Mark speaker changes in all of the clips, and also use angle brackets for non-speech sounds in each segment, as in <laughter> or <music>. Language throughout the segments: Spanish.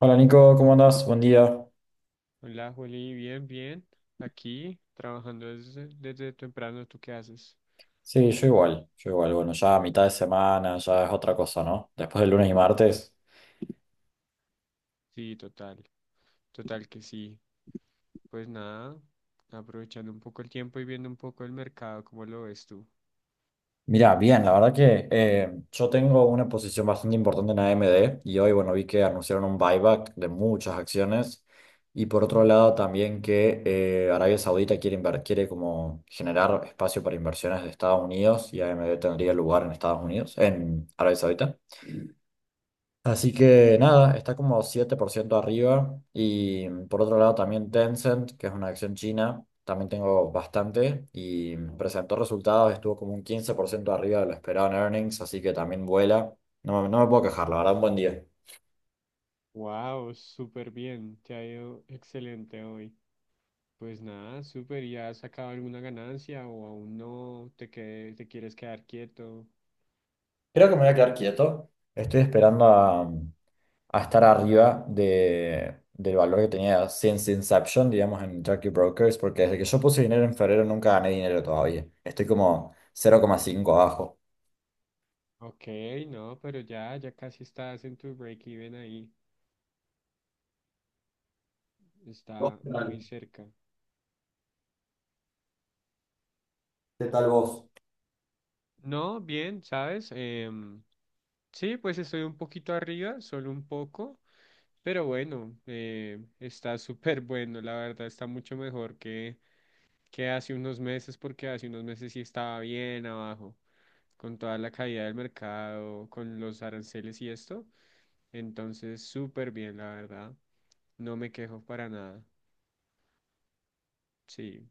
Speaker 1: Hola Nico, ¿cómo andás? Buen día.
Speaker 2: Hola, Juli, bien, bien. Aquí trabajando desde temprano, ¿tú qué haces?
Speaker 1: Sí, yo igual, yo igual. Bueno, ya a mitad de semana, ya es otra cosa, ¿no? Después del lunes y martes.
Speaker 2: Sí, total, total que sí. Pues nada, aprovechando un poco el tiempo y viendo un poco el mercado, ¿cómo lo ves tú?
Speaker 1: Mirá, bien, la verdad que yo tengo una posición bastante importante en AMD y hoy, bueno, vi que anunciaron un buyback de muchas acciones y por otro lado también que Arabia Saudita quiere, quiere como generar espacio para inversiones de Estados Unidos y AMD tendría lugar en Estados Unidos, en Arabia Saudita. Así que nada, está como 7% arriba. Y por otro lado también Tencent, que es una acción china, también tengo bastante y presentó resultados, estuvo como un 15% arriba de lo esperado en earnings, así que también vuela. No, no me puedo quejar, la verdad, un buen día.
Speaker 2: Wow, súper bien, te ha ido excelente hoy. Pues nada, súper, ¿ya has sacado alguna ganancia o aún no te, que- te quieres quedar quieto?
Speaker 1: Creo que me voy a quedar quieto. Estoy esperando a, a estar arriba de, del valor que tenía since Inception, digamos, en Jackie Brokers, porque desde que yo puse dinero en febrero nunca gané dinero todavía. Estoy como cero coma cinco abajo.
Speaker 2: Ok, no, pero ya casi estás en tu break-even ahí, está muy cerca.
Speaker 1: ¿Qué tal vos?
Speaker 2: No, bien, ¿sabes? Sí, pues estoy un poquito arriba, solo un poco, pero bueno, está <laughs> súper bueno, la verdad, está mucho mejor que hace unos meses, porque hace unos meses sí estaba bien abajo, con toda la caída del mercado, con los aranceles y esto. Entonces, súper bien, la verdad, no me quejo para nada. Sí,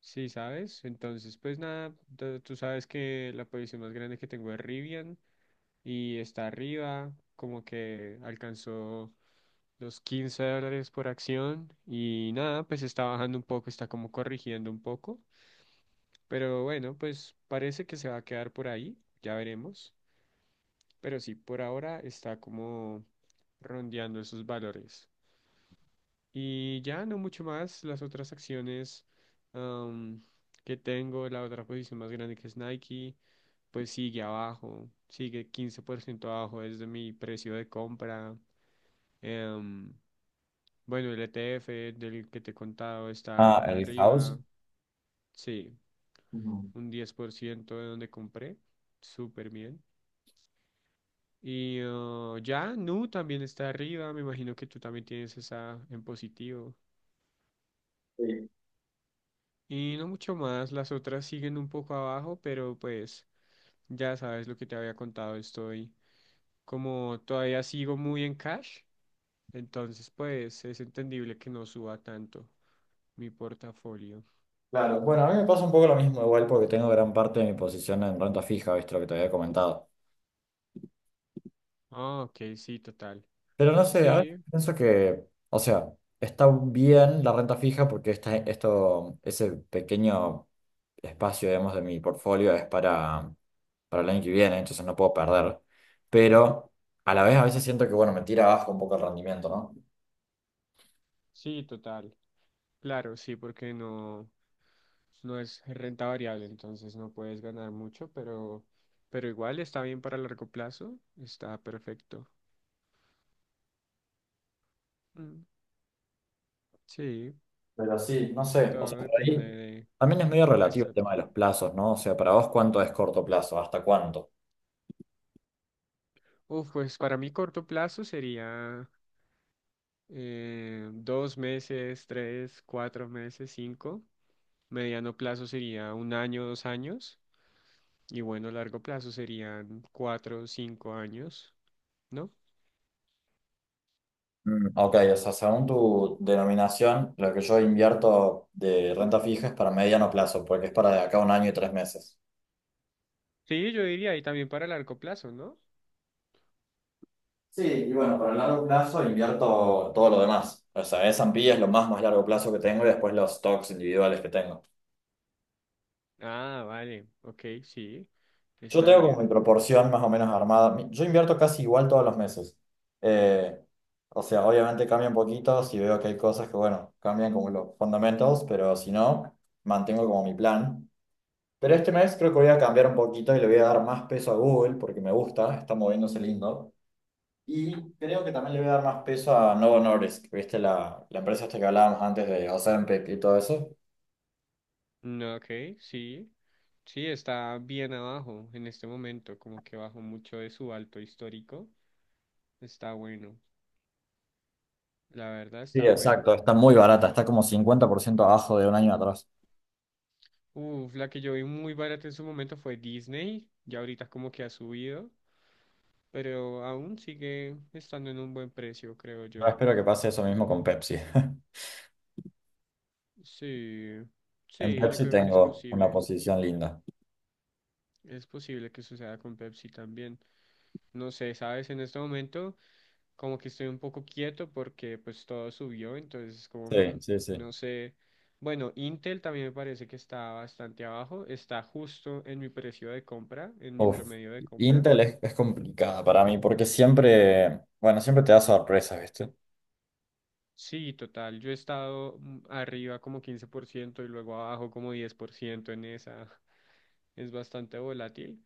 Speaker 2: sí, ¿sabes? Entonces, pues nada, tú sabes que la posición más grande que tengo es Rivian, y está arriba, como que alcanzó los 15 dólares por acción y nada, pues está bajando un poco, está como corrigiendo un poco, pero bueno, pues parece que se va a quedar por ahí, ya veremos, pero sí, por ahora está como rondeando esos valores. Y ya no mucho más, las otras acciones am, que tengo, la otra posición más grande que es Nike pues sigue abajo, sigue 15% abajo desde mi precio de compra. Em, bueno, el ETF del que te he contado está
Speaker 1: Ah, el house.
Speaker 2: arriba, sí,
Speaker 1: Ujú.
Speaker 2: un 10% de donde compré, súper bien. Y ya, Nu también está arriba, me imagino que tú también tienes esa en positivo.
Speaker 1: Sí,
Speaker 2: Y no mucho más, las otras siguen un poco abajo, pero pues ya sabes lo que te había contado, estoy como todavía sigo muy en cash, entonces pues es entendible que no suba tanto mi portafolio.
Speaker 1: claro. Bueno, a mí me pasa un poco lo mismo igual porque tengo gran parte de mi posición en renta fija, viste lo que te había comentado.
Speaker 2: Ah, ok, sí, total.
Speaker 1: Pero no sé, a veces
Speaker 2: Sí,
Speaker 1: pienso que, o sea, está bien la renta fija porque esta, esto, ese pequeño espacio, digamos, de mi portfolio es para el año que viene, entonces no puedo perder. Pero a la vez a veces siento que, bueno, me tira abajo un poco el rendimiento, ¿no?
Speaker 2: sí, total. Claro, sí, porque no, no es renta variable, entonces no puedes ganar mucho, pero igual está bien para largo plazo, está perfecto. Mm, sí,
Speaker 1: Pero sí, no sé, o sea,
Speaker 2: todo
Speaker 1: por ahí
Speaker 2: depende de
Speaker 1: también es medio
Speaker 2: la
Speaker 1: relativo el tema de
Speaker 2: estrategia.
Speaker 1: los plazos, ¿no? O sea, para vos, ¿cuánto es corto plazo? ¿Hasta cuánto?
Speaker 2: Uf, pues para mí corto plazo sería 2 meses, tres, 4 meses, cinco. Mediano plazo sería un año, 2 años. Y bueno, largo plazo serían 4, 5 años, ¿no?
Speaker 1: Ok, o sea, según tu denominación, lo que yo invierto de renta fija es para mediano plazo, porque es para de acá a 1 año y 3 meses.
Speaker 2: Sí, yo diría, y también para largo plazo, ¿no?
Speaker 1: Sí, y bueno, para el largo plazo invierto todo lo demás. O sea, S&P es lo más largo plazo que tengo y después los stocks individuales que tengo.
Speaker 2: Ah, vale, ok, sí,
Speaker 1: Yo
Speaker 2: está
Speaker 1: tengo como mi
Speaker 2: bien.
Speaker 1: proporción más o menos armada. Yo invierto casi igual todos los meses. Eh, o sea, obviamente cambia un poquito si veo que hay cosas que, bueno, cambian como los fundamentos, pero si no, mantengo como mi plan. Pero este mes creo que voy a cambiar un poquito y le voy a dar más peso a Google porque me gusta, está moviéndose lindo. Y creo que también le voy a dar más peso a Novo Nordisk, ¿viste? La empresa esta que hablábamos antes de Ozempic y todo eso.
Speaker 2: No, ok, sí, sí, está bien abajo en este momento, como que bajó mucho de su alto histórico. Está bueno, la verdad
Speaker 1: Sí,
Speaker 2: está bueno.
Speaker 1: exacto, está muy barata, está como 50% abajo de un año atrás.
Speaker 2: Uf, la que yo vi muy barata en su momento fue Disney, ya ahorita como que ha subido, pero aún sigue estando en un buen precio, creo
Speaker 1: Yo
Speaker 2: yo.
Speaker 1: espero que pase eso mismo con Pepsi. <laughs>
Speaker 2: Sí,
Speaker 1: En
Speaker 2: sí, yo
Speaker 1: Pepsi
Speaker 2: creo que es
Speaker 1: tengo una
Speaker 2: posible.
Speaker 1: posición linda.
Speaker 2: Es posible que suceda con Pepsi también. No sé, sabes, en este momento como que estoy un poco quieto porque pues todo subió, entonces como
Speaker 1: Sí, sí, sí.
Speaker 2: no sé. Bueno, Intel también me parece que está bastante abajo, está justo en mi precio de compra, en mi
Speaker 1: Uf,
Speaker 2: promedio de compra.
Speaker 1: Intel es complicada para mí porque siempre, bueno, siempre te da sorpresas, ¿viste?
Speaker 2: Sí, total, yo he estado arriba como 15% y luego abajo como 10% en esa. <laughs> Es bastante volátil.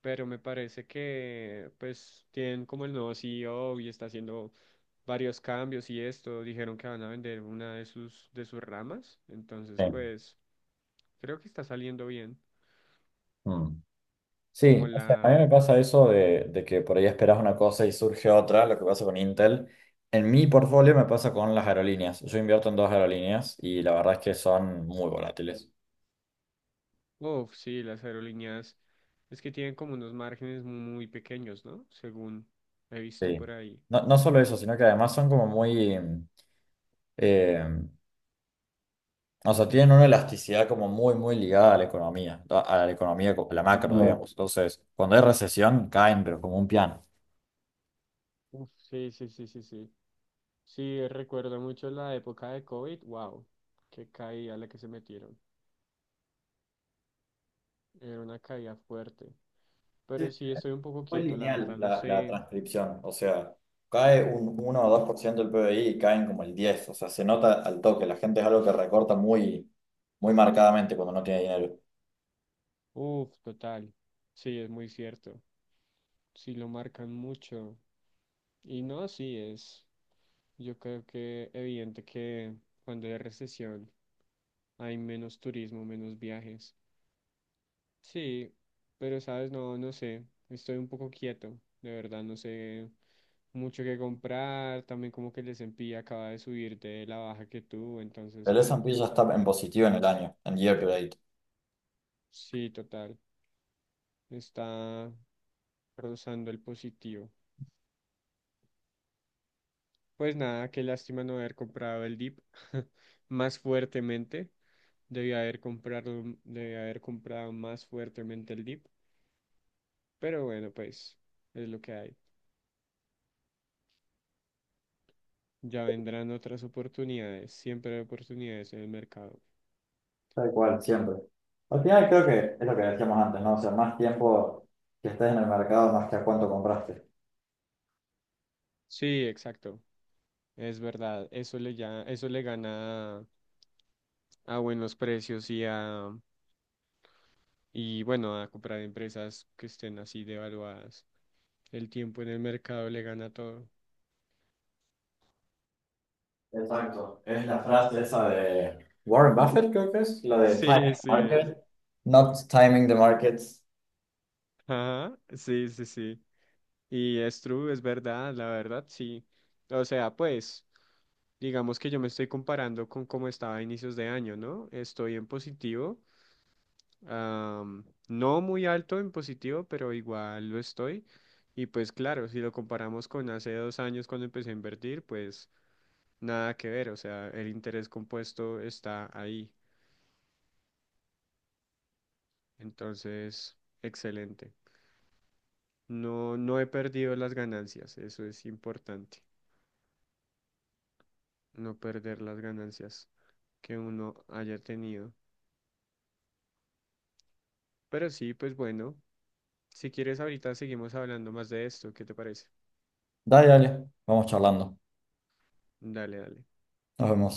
Speaker 2: Pero me parece que pues tienen como el nuevo CEO y está haciendo varios cambios y esto, dijeron que van a vender una de sus ramas, entonces
Speaker 1: Sí.
Speaker 2: pues creo que está saliendo bien,
Speaker 1: Mm. Sí,
Speaker 2: como
Speaker 1: o sea, a mí
Speaker 2: la,
Speaker 1: me pasa eso de que por ahí esperas una cosa y surge otra, lo que pasa con Intel. En mi portfolio me pasa con las aerolíneas. Yo invierto en dos aerolíneas y la verdad es que son muy volátiles.
Speaker 2: uff, sí, las aerolíneas es que tienen como unos márgenes muy pequeños, ¿no? Según he visto por
Speaker 1: Sí.
Speaker 2: ahí.
Speaker 1: No, no solo eso, sino que además son como muy... em, o sea, tienen una elasticidad como muy, muy ligada a la economía, a la economía, a la macro, claro, digamos. Entonces, cuando hay recesión, caen, pero como un piano.
Speaker 2: Uf, sí, sí, sí, sí, sí. Sí, recuerdo mucho la época de COVID, wow, qué caída la que se metieron, era una caída fuerte.
Speaker 1: Sí,
Speaker 2: Pero sí
Speaker 1: es
Speaker 2: estoy un poco
Speaker 1: muy
Speaker 2: quieto, la
Speaker 1: lineal
Speaker 2: verdad, no
Speaker 1: la, la
Speaker 2: sé.
Speaker 1: transcripción, o sea, cae un 1 o 2% del PBI y caen como el 10, o sea, se nota al toque, la gente es algo que recorta muy, muy marcadamente cuando no tiene dinero.
Speaker 2: Uf, total. Sí, es muy cierto. Sí lo marcan mucho. Y no, sí es. Yo creo que evidente que cuando hay recesión hay menos turismo, menos viajes. Sí, pero sabes, no, no sé. Estoy un poco quieto, de verdad, no sé mucho que comprar. También como que el S&P acaba de subir de la baja que tuvo, entonces,
Speaker 1: El
Speaker 2: ah,
Speaker 1: S&P ya está en positivo en el año, en year to date.
Speaker 2: sí, total. Está. Rozando el positivo. Pues nada, qué lástima no haber comprado el dip <laughs> más fuertemente. Debía haber comprado más fuertemente el dip. Pero bueno, pues es lo que hay. Ya vendrán otras oportunidades. Siempre hay oportunidades en el mercado.
Speaker 1: Tal cual, siempre. Al final creo que es lo que decíamos antes, ¿no? O sea, más tiempo que estés en el mercado, más que a cuánto compraste.
Speaker 2: Sí, exacto. Es verdad. Eso le gana a buenos precios y bueno, a comprar empresas que estén así devaluadas. El tiempo en el mercado le gana todo.
Speaker 1: Exacto. Es la frase esa de Warren Buffett, creo que es, la de
Speaker 2: Sí,
Speaker 1: Timing the
Speaker 2: sí es.
Speaker 1: Market, not timing the markets.
Speaker 2: Ajá, sí, sí, sí. Y es true, es verdad, la verdad, sí. O sea, pues, digamos que yo me estoy comparando con cómo estaba a inicios de año, ¿no? Estoy en positivo, no muy alto en positivo, pero igual lo estoy. Y pues claro, si lo comparamos con hace 2 años cuando empecé a invertir, pues nada que ver, o sea, el interés compuesto está ahí. Entonces, excelente. No, no he perdido las ganancias, eso es importante, no perder las ganancias que uno haya tenido. Pero sí, pues bueno, si quieres ahorita seguimos hablando más de esto, ¿qué te parece?
Speaker 1: Dale, dale, vamos charlando.
Speaker 2: Dale, dale.
Speaker 1: Nos vemos.